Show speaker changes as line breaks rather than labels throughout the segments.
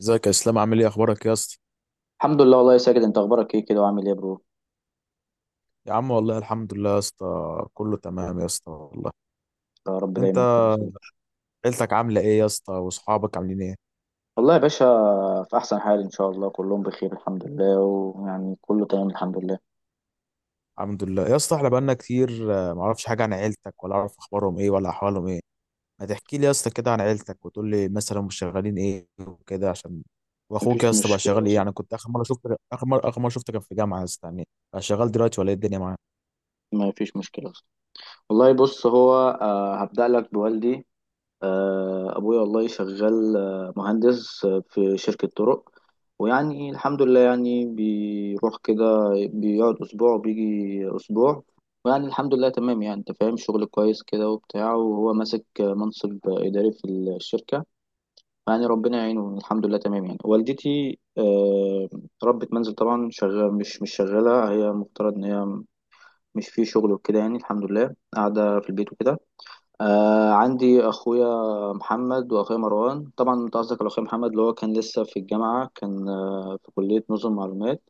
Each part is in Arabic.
ازيك يا اسلام؟ عامل ايه؟ اخبارك يا اسطى؟
الحمد لله والله يا ساجد، انت اخبارك ايه كده وعامل ايه يا برو؟
يا عم، والله الحمد لله يا اسطى. كله تمام يا اسطى والله.
يا رب
انت،
دايما كده يا صديقي.
عيلتك عامله ايه يا اسطى؟ واصحابك عاملين ايه؟
والله يا باشا، في احسن حال ان شاء الله، كلهم بخير الحمد لله، ويعني كله تمام الحمد لله.
الحمد لله يا اسطى. احنا بقالنا كتير، ما اعرفش حاجه عن عيلتك، ولا اعرف اخبارهم ايه، ولا احوالهم ايه. ما تحكي لي يا اسطى كده عن عيلتك، وتقول لي مثلا هم شغالين ايه وكده، عشان واخوك يا
مفيش
اسطى بقى شغال
مشكله
ايه
صح.
يعني؟ كنت اخر مره شفت، اخر مره شفته كان في جامعه يا اسطى يعني. بقى شغال دلوقتي ولا ايه؟ الدنيا معاك؟
مفيش مشكله صح. والله بص، هو هبدأ لك بوالدي. ابويا والله شغال، مهندس في شركة طرق، ويعني الحمد لله، يعني بيروح كده بيقعد أسبوع وبيجي أسبوع، ويعني الحمد لله تمام، يعني أنت فاهم شغل كويس كده وبتاع، وهو ماسك منصب إداري في الشركة، يعني ربنا يعينه الحمد لله تمام. يعني والدتي ربة منزل طبعا، شغال مش شغالة، هي مفترض إن هي مش في شغل وكده، يعني الحمد لله قاعدة في البيت وكده. آه عندي اخويا محمد واخويا مروان. طبعا انت قصدك على اخويا محمد، اللي هو كان لسه في الجامعه، كان آه في كليه نظم معلومات.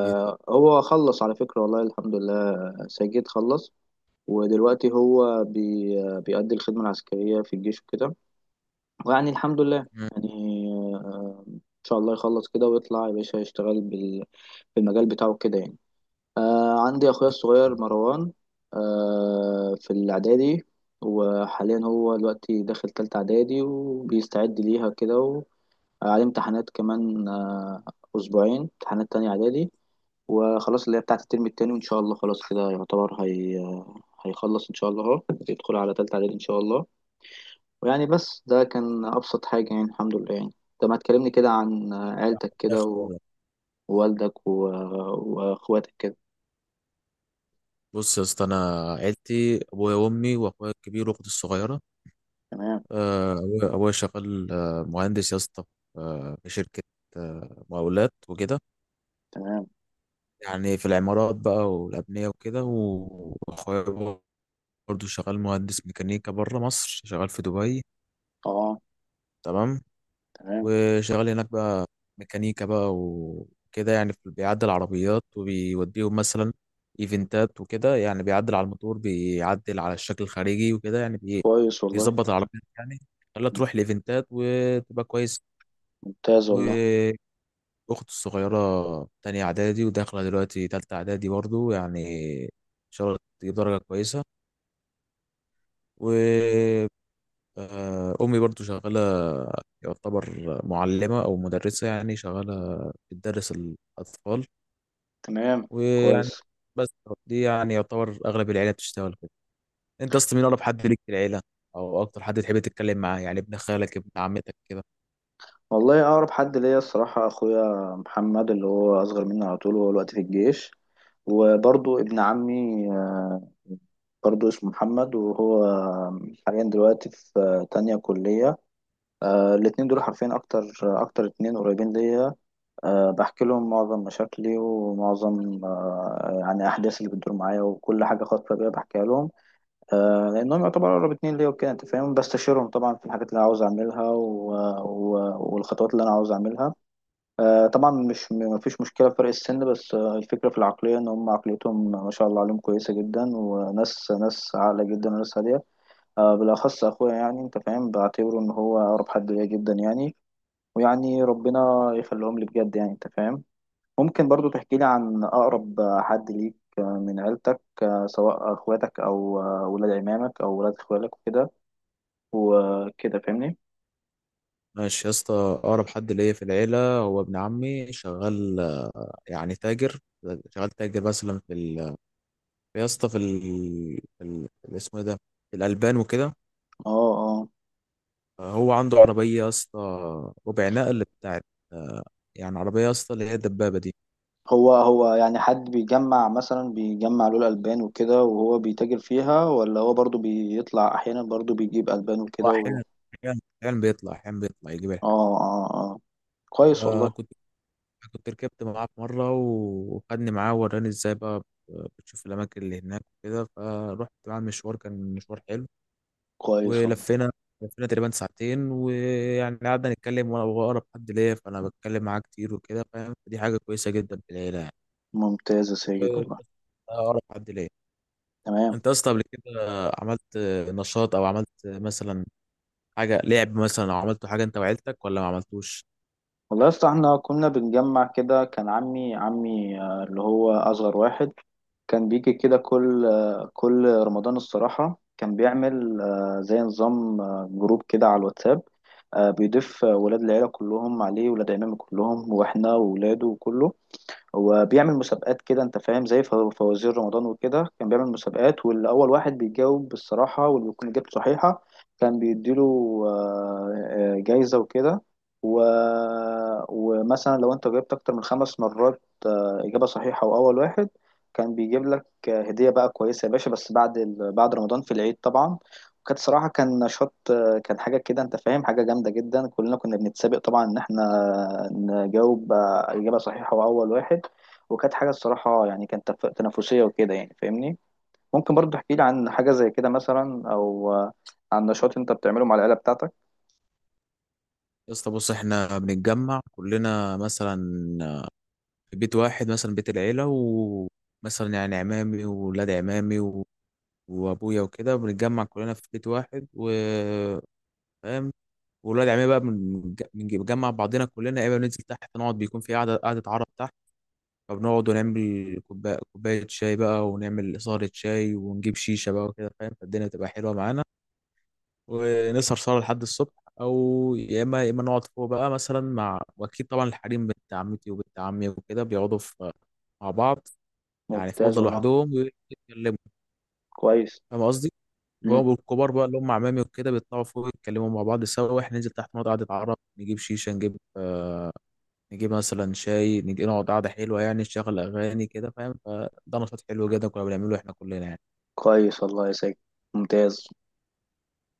ايه؟
هو خلص على فكره والله الحمد لله، ساجد خلص. ودلوقتي هو بي آه، بيأدي الخدمه العسكريه في الجيش وكده، ويعني الحمد لله
مم.
يعني. ان شاء الله يخلص كده ويطلع يا باشا يشتغل في المجال بتاعه كده يعني. آه عندي أخويا الصغير مروان، آه في الإعدادي، وحاليا هو دلوقتي داخل تالتة إعدادي وبيستعد ليها كده، وعليه امتحانات كمان، أسبوعين امتحانات تانية إعدادي، وخلاص اللي هي بتاعة الترم التاني، وإن شاء الله خلاص كده يعتبر هي هيخلص إن شاء الله أهو، يدخل على تالتة إعدادي إن شاء الله. ويعني بس ده كان أبسط حاجة، يعني الحمد لله يعني. طب ما تكلمني كده عن عيلتك
ربنا
كده
يخليهم لك.
ووالدك وأخواتك كده.
بص يا اسطى، انا عيلتي ابويا وامي واخويا الكبير واختي الصغيره.
تمام.
أبويا شغال مهندس يا اسطى، في شركة مقاولات وكده.
تمام.
يعني في العمارات بقى والأبنية وكده، وأخويا برضه شغال مهندس ميكانيكا بره مصر، شغال في دبي.
اه.
تمام.
تمام.
وشغال هناك بقى، ميكانيكا بقى وكده يعني، بيعدل عربيات وبيوديهم مثلا إيفنتات وكده، يعني بيعدل على الموتور، بيعدل على الشكل الخارجي وكده يعني
كويس والله.
بيظبط العربيات يعني، خلاها تروح لإيفنتات وتبقى
ممتاز والله.
كويس. أختي الصغيرة تانية إعدادي، وداخلة دلوقتي تالتة إعدادي برضو يعني، إن شاء الله تجيب درجة كويسة. و أمي برضو شغالة، يعتبر معلمة أو مدرسة، يعني شغالة بتدرس الأطفال.
تمام.
ويعني
كويس.
بس، دي يعني يعتبر أغلب العيلة بتشتغل كده. أنت أصلا، مين أقرب حد ليك في العيلة؟ أو أكتر حد تحب تتكلم معاه، يعني ابن خالك، ابن عمتك كده؟
والله أقرب حد ليا الصراحة أخويا محمد، اللي هو أصغر مني على طول، وهو دلوقتي في الجيش. وبرضه ابن عمي، آه، برضه اسمه محمد، وهو حاليا دلوقتي في تانية كلية. الاتنين دول حرفيا أكتر اتنين قريبين ليا. بحكي لهم معظم مشاكلي ومعظم يعني أحداث اللي بتدور معايا، وكل حاجة خاصة بيا بحكيها لهم، آه لأنهم يعتبروا أقرب اتنين ليا وكده، أنت فاهم. بستشيرهم طبعا في الحاجات اللي عاوز أعملها و... والخطوات اللي أنا عاوز أعملها. آه طبعا مش مفيش مشكلة في فرق السن، بس آه الفكرة في العقلية، إن هم عقليتهم ما شاء الله عليهم كويسة جدا، وناس عاقلة جدا وناس هادية. آه بالأخص أخويا، يعني أنت فاهم، بعتبره إن هو أقرب حد ليا جدا يعني. ويعني ربنا يخليهم لي بجد، يعني أنت فاهم. ممكن برضو تحكي لي عن أقرب حد ليك من عيلتك، سواء أخواتك أو ولاد عمامك أو ولاد إخوالك وكده، وكده فاهمني؟
ماشي يا اسطى. أقرب حد ليا في العيلة هو ابن عمي، شغال يعني تاجر. شغال تاجر مثلا يا اسطى، في اسمه إيه ده، في الألبان وكده.
اه. اه.
هو عنده عربية يا اسطى، ربع نقل بتاعت، آه، يعني عربية يا اسطى اللي هي الدبابة دي.
هو هو يعني حد بيجمع، مثلا بيجمع له الألبان وكده وهو بيتاجر فيها، ولا هو برضو بيطلع أحيانا برضو بيجيب ألبان
هو
وكده
أحيانا بيطلع يجيب الحاجة.
اه. كويس
آه،
والله.
كنت كنت ركبت معاه في مرة، وخدني معاه وراني ازاي بقى بتشوف الأماكن اللي هناك وكده، فروحت معاه المشوار، كان مشوار حلو.
كويس والله.
ولفينا تقريبا ساعتين، ويعني قعدنا نتكلم، وانا بقرب حد ليا فانا بتكلم معاه كتير وكده فاهم، فدي حاجه كويسه جدا في العيله يعني.
ممتاز يا ساجد
وبس،
والله.
ده اقرب حد ليا.
تمام.
انت اصلا قبل كده عملت نشاط او عملت مثلا حاجه لعب مثلا، او عملت حاجه انت وعيلتك ولا ما عملتوش؟
والله يا اسطى احنا كنا بنجمع كده، كان عمي آه، اللي هو أصغر واحد، كان بيجي كده كل رمضان الصراحة، كان بيعمل زي نظام جروب كده على الواتساب، بيضيف ولاد العيلة كلهم عليه، ولاد عمامي كلهم، واحنا وولاده وكله. هو بيعمل مسابقات كده انت فاهم، زي فوازير رمضان وكده، كان بيعمل مسابقات، واللي اول واحد بيجاوب بالصراحه واللي بيكون اجابته صحيحه، كان بيديله جايزه وكده. و... ومثلا لو انت جاوبت اكتر من خمس مرات اجابه صحيحه واول واحد، كان بيجيب لك هديه بقى كويسه يا باشا، بس بعد رمضان في العيد طبعا. وكانت صراحه كان نشاط، كان حاجه كده انت فاهم، حاجه جامده جدا، كلنا كنا بنتسابق طبعا ان احنا نجاوب اجابه صحيحه واول واحد. وكانت حاجة الصراحة يعني كانت تنافسية وكده يعني فاهمني. ممكن برضو تحكي لي عن حاجة زي كده مثلا، أو عن نشاط أنت بتعمله مع العيلة بتاعتك.
يا اسطى بص، احنا بنتجمع كلنا مثلا في بيت واحد، مثلا بيت العيله، ومثلا يعني عمامي وولاد عمامي وابويا وكده، بنتجمع كلنا في بيت واحد وفاهم. والولاد عمي بقى، بنجمع بعضنا كلنا، يا اما بننزل تحت نقعد، بيكون في قعده عرب تحت، فبنقعد ونعمل كوبايه كوبايه شاي بقى، ونعمل إصارة شاي، ونجيب شيشه بقى وكده فاهم، فالدنيا بتبقى حلوه معانا، ونسهر سهره لحد الصبح. او يا اما نقعد فوق بقى مثلا مع، واكيد طبعا الحريم بنت عمتي وبنت عمي وكده بيقعدوا في مع بعض، يعني في
ممتاز
اوضه
والله.
لوحدهم ويتكلموا،
كويس.
فاهم قصدي.
مم.
والكبار بقى اللي هم عمامي وكده بيطلعوا فوق يتكلموا مع بعض سوا، واحنا ننزل تحت نقعد قعده عرب، نجيب شيشه، نجيب مثلا شاي، نجي نقعد قعدة حلوة يعني، نشغل أغاني كده فاهم. فده نشاط حلو جدا كنا بنعمله إحنا كلنا يعني.
كويس والله يا ساجد. ممتاز.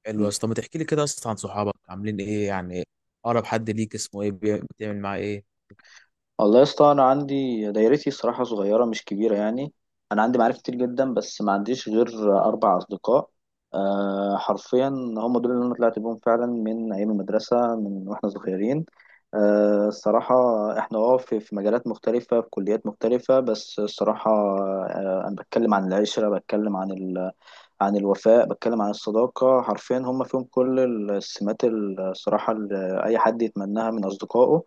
حلو يا اسطى. ما تحكي لي كده أصلا عن صحابك عاملين إيه يعني؟ أقرب حد ليك اسمه إيه؟ بتعمل معاه إيه؟
والله يا اسطى، انا عندي دايرتي الصراحه صغيره مش كبيره يعني، انا عندي معارف كتير جدا، بس ما عنديش غير اربع اصدقاء. أه حرفيا هم دول اللي انا طلعت بيهم فعلا، من ايام المدرسه من واحنا صغيرين. أه الصراحه احنا اه في مجالات مختلفه، في كليات مختلفه، بس الصراحه أه انا بتكلم عن العشره، بتكلم عن عن الوفاء، بتكلم عن الصداقة. حرفيا هم فيهم كل السمات الصراحة اللي أي حد يتمناها من أصدقائه،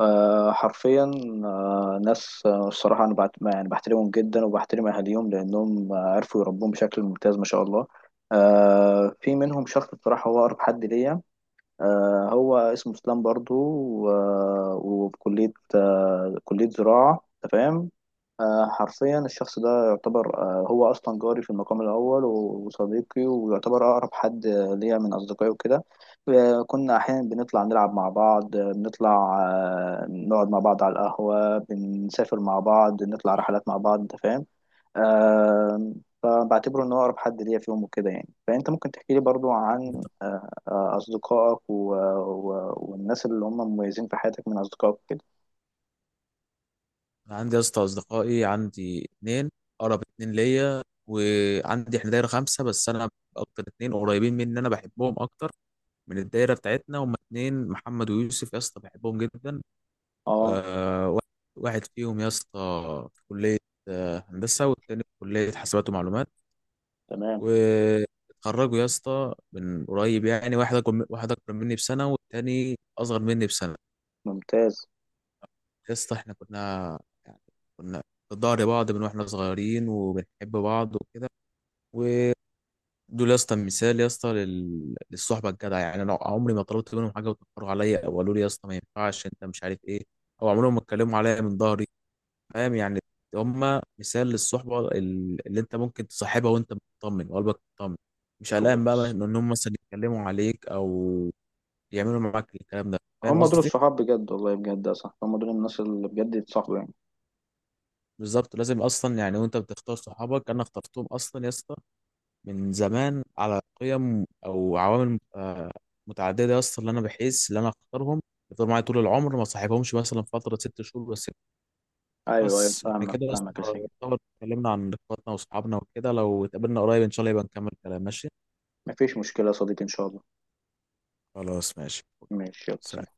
آه، حرفيا. ناس الصراحة أنا يعني بحترمهم جدا وبحترم أهاليهم لأنهم آه، عرفوا يربوهم بشكل ممتاز ما شاء الله. في منهم شخص بصراحة هو أقرب حد ليا، هو اسمه اسلام برضو، وبكلية كلية زراعة أنت فاهم. حرفيا الشخص ده يعتبر هو أصلا جاري في المقام الأول، وصديقي، ويعتبر أقرب حد ليا من أصدقائي وكده. كنا أحيانا بنطلع نلعب مع بعض، بنطلع نقعد مع بعض على القهوة، بنسافر مع بعض، نطلع رحلات مع بعض أنت فاهم. آه فبعتبره ان هو اقرب حد ليا فيهم وكده يعني. فانت ممكن تحكي لي برضو عن اصدقائك والناس اللي هم مميزين في حياتك من اصدقائك كده.
أنا عندي يا اسطى أصدقائي، عندي اتنين أقرب اتنين ليا، وعندي إحنا دايرة خمسة، بس أنا أكتر اتنين قريبين مني أنا بحبهم أكتر من الدايرة بتاعتنا. هما اتنين، محمد ويوسف يا اسطى، بحبهم جدا.
اه.
آه، واحد واحد فيهم يا اسطى في كلية هندسة، والتاني في كلية حاسبات ومعلومات.
تمام.
واتخرجوا يا اسطى من قريب يعني، واحد أكبر مني بسنة، والتاني أصغر مني بسنة.
ممتاز.
يا اسطى احنا يعني كنا في ظهر بعض من واحنا صغيرين، وبنحب بعض وكده. ودول يا اسطى مثال يا اسطى، للصحبة الجدعة يعني. أنا عمري ما طلبت منهم حاجة وتأخروا عليا، أو قالوا لي يا اسطى ما ينفعش أنت مش عارف إيه، أو عمرهم ما اتكلموا عليا من ظهري، فاهم يعني. هما مثال للصحبة، اللي انت ممكن تصاحبها وانت مطمن، وقلبك مطمن، مش قلقان بقى
كويس.
ان هم مثلا يتكلموا عليك، او يعملوا معاك الكلام ده، فاهم
هم دول
قصدي.
الصحاب بجد، والله بجد يا صاحبي، هم دول الناس اللي بجد يتصاحبوا يعني.
بالظبط، لازم اصلا يعني، وانت بتختار صحابك، انا اخترتهم اصلا يا اسطى من زمان على قيم او عوامل متعددة يا اسطى، اللي انا بحس اللي انا اختارهم يفضلوا معايا طول العمر، ما صاحبهمش مثلا فترة 6 شهور بس.
ايوه، ايوه،
بس احنا
فاهمك
كده يا اسطى،
فاهمك يا سيدي.
يعتبر اتكلمنا عن اخواتنا واصحابنا وكده. لو اتقابلنا قريب ان شاء الله يبقى نكمل كلام. ماشي؟
مفيش مشكلة يا صديقي ان شاء الله.
خلاص، ماشي.
ماشي، يلا
سلام.
سلام.